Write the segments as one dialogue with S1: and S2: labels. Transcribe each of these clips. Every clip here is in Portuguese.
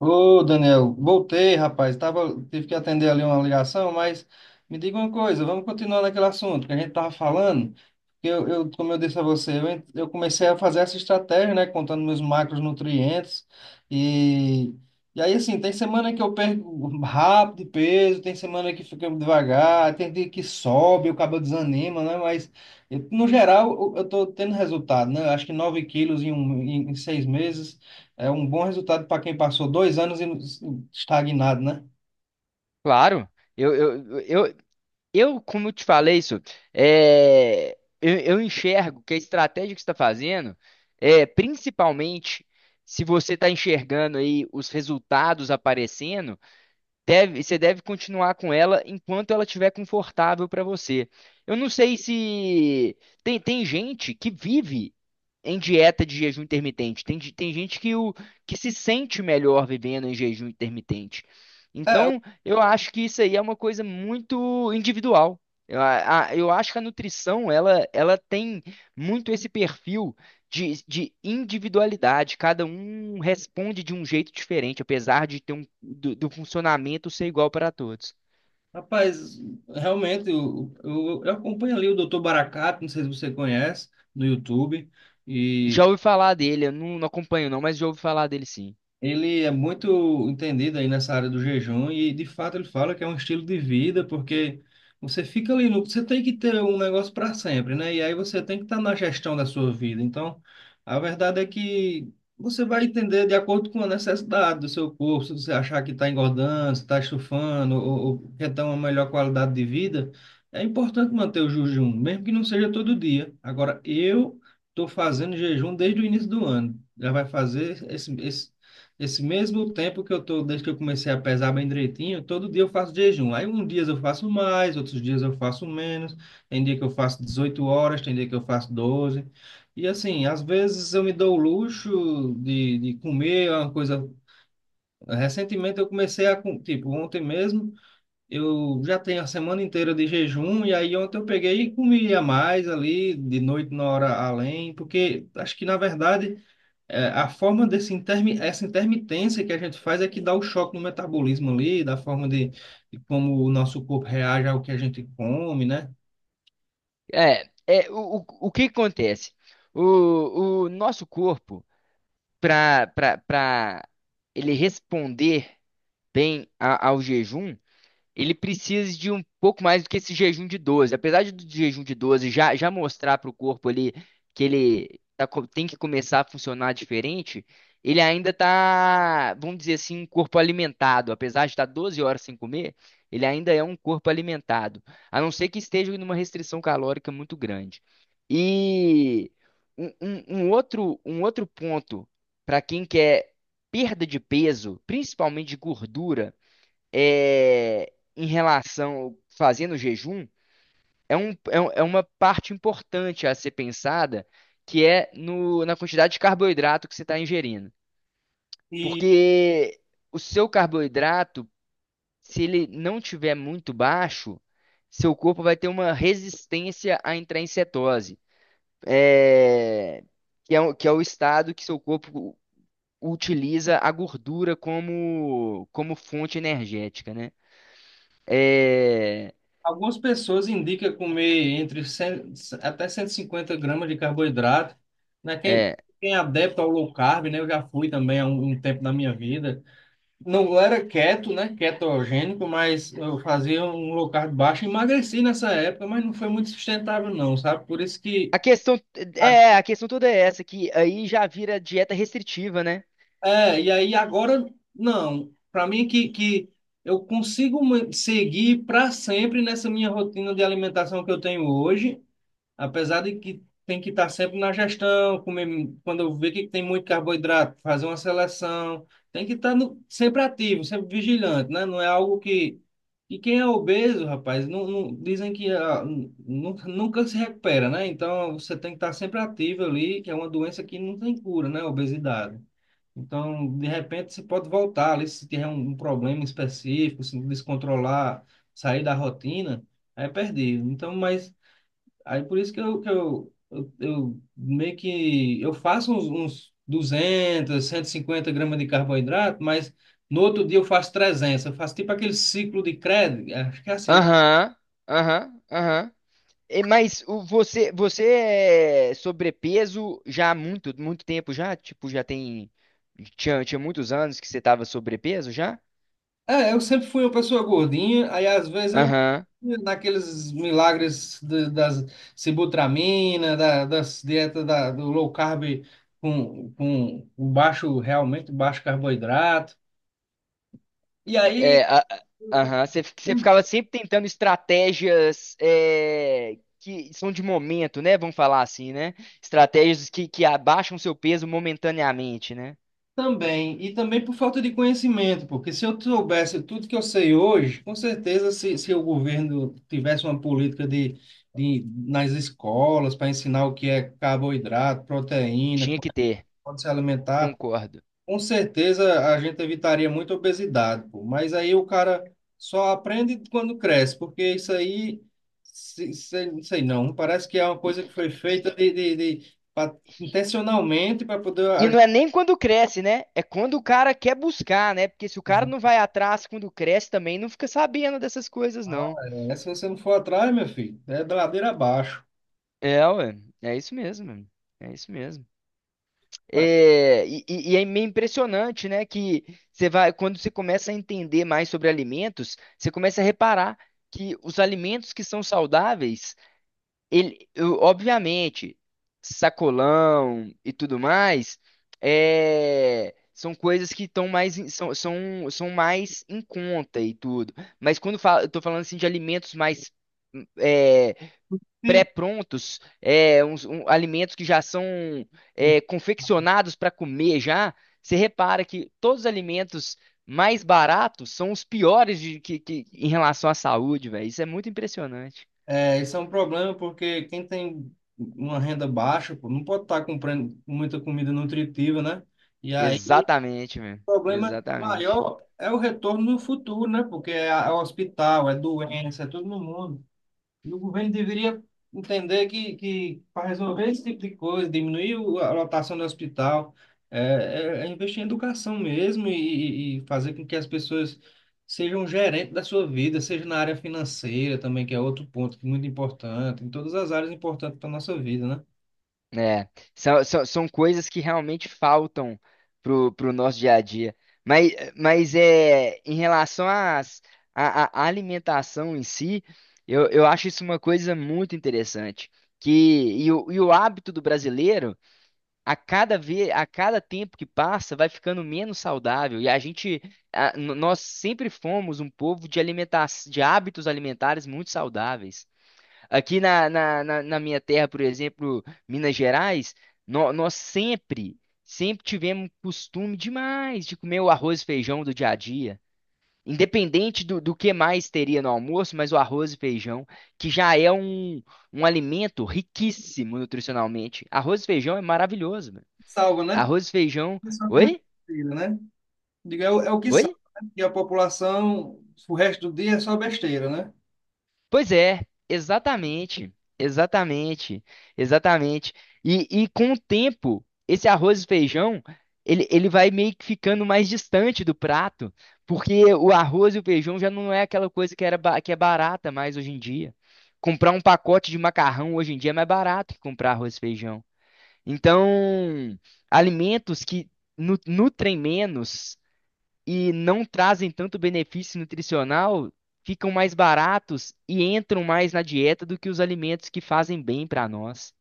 S1: Ô, Daniel, voltei, rapaz. Tava, tive que atender ali uma ligação, mas me diga uma coisa, vamos continuar naquele assunto que a gente tava falando. Eu, como eu disse a você, eu comecei a fazer essa estratégia, né, contando meus macronutrientes e e aí assim, tem semana que eu perco rápido de peso, tem semana que fica devagar, tem dia que sobe, o cabo desanima, né? Mas no geral eu tô tendo resultado, né? Eu acho que 9 quilos em seis meses. É um bom resultado para quem passou dois anos estagnado, né?
S2: Claro, eu, eu, eu, como eu te falei isso, é, eu enxergo que a estratégia que você está fazendo, principalmente se você está enxergando aí os resultados aparecendo, você deve continuar com ela enquanto ela estiver confortável para você. Eu não sei se tem gente que vive em dieta de jejum intermitente. Tem gente que, que se sente melhor vivendo em jejum intermitente.
S1: É, eu-
S2: Então, eu acho que isso aí é uma coisa muito individual. Eu acho que a nutrição, ela tem muito esse perfil de individualidade, cada um responde de um jeito diferente, apesar de ter um do funcionamento ser igual para todos.
S1: rapaz, realmente, eu acompanho ali o Dr. Baracato, não sei se você conhece, no YouTube, e
S2: Já ouvi falar dele, eu não, não acompanho não, mas já ouvi falar dele sim.
S1: ele é muito entendido aí nessa área do jejum e de fato ele fala que é um estilo de vida, porque você fica ali no, você tem que ter um negócio para sempre, né? E aí você tem que estar na gestão da sua vida. Então, a verdade é que você vai entender de acordo com a necessidade do seu corpo, se você achar que está engordando, se está estufando ou quer ter uma melhor qualidade de vida, é importante manter o jejum, mesmo que não seja todo dia. Agora, eu estou fazendo jejum desde o início do ano. Já vai fazer esse mesmo tempo que eu tô, desde que eu comecei a pesar bem direitinho, todo dia eu faço jejum. Aí um dias eu faço mais, outros dias eu faço menos. Tem dia que eu faço 18 horas, tem dia que eu faço doze. E assim, às vezes eu me dou o luxo de comer uma coisa. Recentemente eu comecei a, com- tipo, ontem mesmo, eu já tenho a semana inteira de jejum, e aí ontem eu peguei e comi a mais ali, de noite na hora além, porque acho que na verdade. É, a forma desse intermi essa intermitência que a gente faz é que dá o choque no metabolismo ali, da forma de como o nosso corpo reage ao que a gente come, né?
S2: O que que acontece? O nosso corpo, para para ele responder bem ao jejum, ele precisa de um pouco mais do que esse jejum de 12. Do jejum de 12 já mostrar para o corpo ali que ele tem que começar a funcionar diferente, ele ainda tá, vamos dizer assim, um corpo alimentado. Apesar de estar 12 horas sem comer, ele ainda é um corpo alimentado. A não ser que esteja em uma restrição calórica muito grande. E um outro ponto para quem quer perda de peso, principalmente de gordura, em relação fazendo jejum é uma parte importante a ser pensada, que é no, na quantidade de carboidrato que você está ingerindo.
S1: E
S2: Porque o seu carboidrato, se ele não tiver muito baixo, seu corpo vai ter uma resistência a entrar em cetose, é, que é, que é o estado que seu corpo utiliza a gordura como, como fonte energética, né? É,
S1: algumas pessoas indicam comer entre 100 até 150 gramas de carboidrato, né?
S2: é,
S1: Quem é adepto ao low carb, né? Eu já fui também há um tempo da minha vida. Não era keto, né? Ketogênico, mas eu fazia um low carb baixo, emagreci nessa época, mas não foi muito sustentável não, sabe? Por isso
S2: A
S1: que
S2: questão
S1: a
S2: a questão toda é essa, que aí já vira dieta restritiva, né?
S1: É, e aí agora, não. Para mim, que eu consigo seguir para sempre nessa minha rotina de alimentação que eu tenho hoje, apesar de que tem que estar sempre na gestão, comer, quando eu ver que tem muito carboidrato, fazer uma seleção, tem que estar no- sempre ativo, sempre vigilante, né? Não é algo que. E quem é obeso, rapaz, dizem que ah, nunca se recupera, né? Então você tem que estar sempre ativo ali, que é uma doença que não tem cura, né? Obesidade. Então, de repente, você pode voltar ali se tiver um problema específico, se descontrolar, sair da rotina, é perdido. Então, mas aí por isso que eu meio que eu faço uns duzentos, cento e cinquenta gramas de carboidrato, mas no outro dia eu faço trezentos. Eu faço tipo aquele ciclo de crédito, acho que é assim.
S2: Aham, aham, aham. Mas você é sobrepeso já há muito, muito tempo já? Tipo, tinha muitos anos que você tava sobrepeso já?
S1: É, eu sempre fui uma pessoa gordinha, aí às vezes eu
S2: Aham.
S1: imagino naqueles milagres das sibutramina, das dietas do low carb com um baixo, realmente baixo carboidrato. E aí
S2: É, a- aham, você ficava sempre tentando estratégias é, que são de momento, né? Vamos falar assim, né? Estratégias que abaixam seu peso momentaneamente, né?
S1: também, e também por falta de conhecimento, porque se eu soubesse tudo que eu sei hoje, com certeza se o governo tivesse uma política de nas escolas para ensinar o que é carboidrato, proteína,
S2: Tinha
S1: como
S2: que ter.
S1: pode se alimentar.
S2: Concordo.
S1: Com certeza a gente evitaria muita obesidade, pô. Mas aí o cara só aprende quando cresce, porque isso aí, se, não sei não, parece que é uma
S2: E,
S1: coisa que foi
S2: e,
S1: feita intencionalmente para poder.
S2: e
S1: A
S2: não é nem quando cresce, né? É quando o cara quer buscar, né? Porque se o cara não vai atrás quando cresce também, não fica sabendo dessas coisas,
S1: Ah,
S2: não.
S1: é, se você não for atrás, meu filho, é da ladeira abaixo.
S2: É, ué. É isso mesmo, mano. É isso mesmo.
S1: Mas
S2: E é meio impressionante, né? Que você vai, quando você começa a entender mais sobre alimentos, você começa a reparar que os alimentos que são saudáveis obviamente, sacolão e tudo mais, são coisas que estão mais, são mais em conta e tudo. Mas quando fala, eu tô falando assim de alimentos mais é,
S1: se
S2: pré-prontos, alimentos que já são confeccionados para comer já, você repara que todos os alimentos mais baratos são os piores em relação à saúde, velho. Isso é muito impressionante.
S1: é, isso é um problema porque quem tem uma renda baixa, pô, não pode estar comprando muita comida nutritiva, né? E aí
S2: Exatamente, meu.
S1: o problema
S2: Exatamente.
S1: maior é o retorno no futuro, né? Porque é hospital, é doença, é todo no mundo. E o governo deveria entender que para resolver esse tipo de coisa, diminuir a lotação do hospital, é, é investir em educação mesmo e fazer com que as pessoas sejam gerentes da sua vida, seja na área financeira também, que é outro ponto que é muito importante, em todas as áreas importantes para a nossa vida, né?
S2: É, são coisas que realmente faltam pro nosso dia a dia. Em relação à alimentação em si, eu acho isso uma coisa muito interessante. Que, e o hábito do brasileiro, a cada vez, a cada tempo que passa, vai ficando menos saudável. E a gente, nós sempre fomos um povo de alimenta de hábitos alimentares muito saudáveis. Aqui na minha terra, por exemplo, Minas Gerais, nó- nós sempre, sempre tivemos costume demais de comer o arroz e feijão do dia a dia. Independente do que mais teria no almoço, mas o arroz e feijão, que já é um alimento riquíssimo nutricionalmente. Arroz e feijão é maravilhoso, mano.
S1: Salva, né?
S2: Arroz e feijão.
S1: Isso é uma
S2: Oi?
S1: coisa, né? Digo, é, é o que
S2: Oi?
S1: sabe, né? Porque a população, o resto do dia é só besteira, né?
S2: Pois é, exatamente, exatamente, exatamente. E com o tempo, esse arroz e feijão, ele vai meio que ficando mais distante do prato, porque o arroz e o feijão já não é aquela coisa que era, que é barata mais hoje em dia. Comprar um pacote de macarrão hoje em dia é mais barato que comprar arroz e feijão. Então, alimentos que nutrem menos e não trazem tanto benefício nutricional, ficam mais baratos e entram mais na dieta do que os alimentos que fazem bem para nós.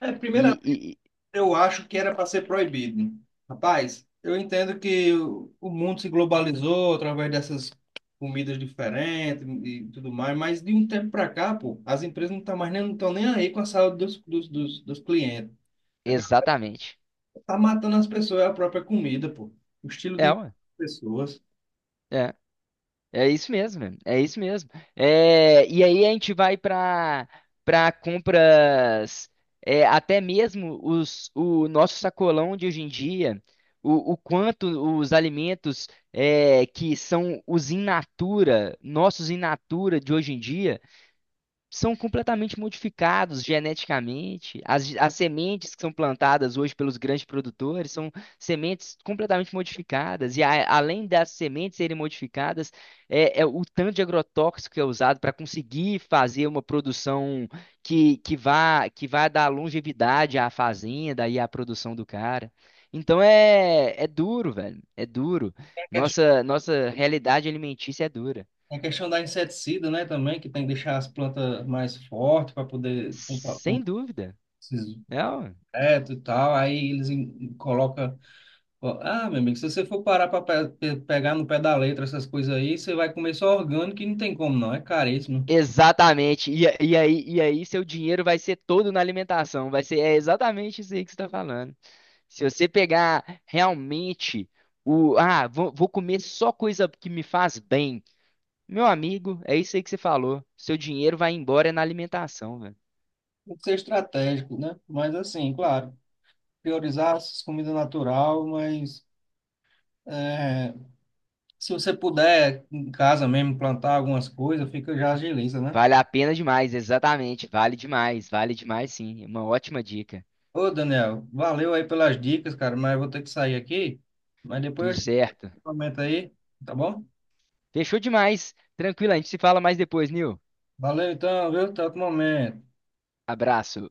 S1: É, primeiramente,
S2: E, e- e-
S1: eu acho que era para ser proibido. Rapaz, eu entendo que o mundo se globalizou através dessas comidas diferentes e tudo mais, mas de um tempo para cá, pô, as empresas não estão nem aí com a saúde dos clientes. A galera
S2: Exatamente.
S1: tá matando as pessoas, é a própria comida, pô. O estilo de
S2: É,
S1: vida
S2: ué.
S1: das pessoas.
S2: É, é isso mesmo, mano. É isso mesmo. É, e aí a gente vai para compras, até mesmo o nosso sacolão de hoje em dia, o quanto os alimentos que são os in natura, nossos in natura de hoje em dia são completamente modificados geneticamente. As sementes que são plantadas hoje pelos grandes produtores são sementes completamente modificadas. E além das sementes serem modificadas, é o tanto de agrotóxico que é usado para conseguir fazer uma produção que vá dar longevidade à fazenda e à produção do cara. Então é duro, velho. É duro. Nossa, nossa realidade alimentícia é dura.
S1: É a questão da inseticida, né, também, que tem que deixar as plantas mais fortes para poder
S2: Sem
S1: combater
S2: dúvida.
S1: esses
S2: É, ó.
S1: insetos e tal. Aí colocam. Ah, meu amigo, se você for parar para pegar no pé da letra essas coisas aí, você vai comer só orgânico e não tem como, não. É caríssimo.
S2: Exatamente. E aí seu dinheiro vai ser todo na alimentação. É exatamente isso aí que você está falando. Se você pegar realmente ah, vou comer só coisa que me faz bem. Meu amigo, é isso aí que você falou. Seu dinheiro vai embora é na alimentação, velho.
S1: Tem que ser estratégico, né? Mas assim, claro, priorizar as comidas natural, mas é, se você puder em casa mesmo plantar algumas coisas, fica já agiliza, né?
S2: Vale a pena demais, exatamente. Vale demais sim. Uma ótima dica.
S1: Ô, Daniel, valeu aí pelas dicas, cara, mas eu vou ter que sair aqui. Mas
S2: Tudo
S1: depois eu te
S2: certo.
S1: comento aí, tá bom?
S2: Fechou demais. Tranquilo, a gente se fala mais depois, Nil.
S1: Valeu então, viu? Até outro momento.
S2: Abraço.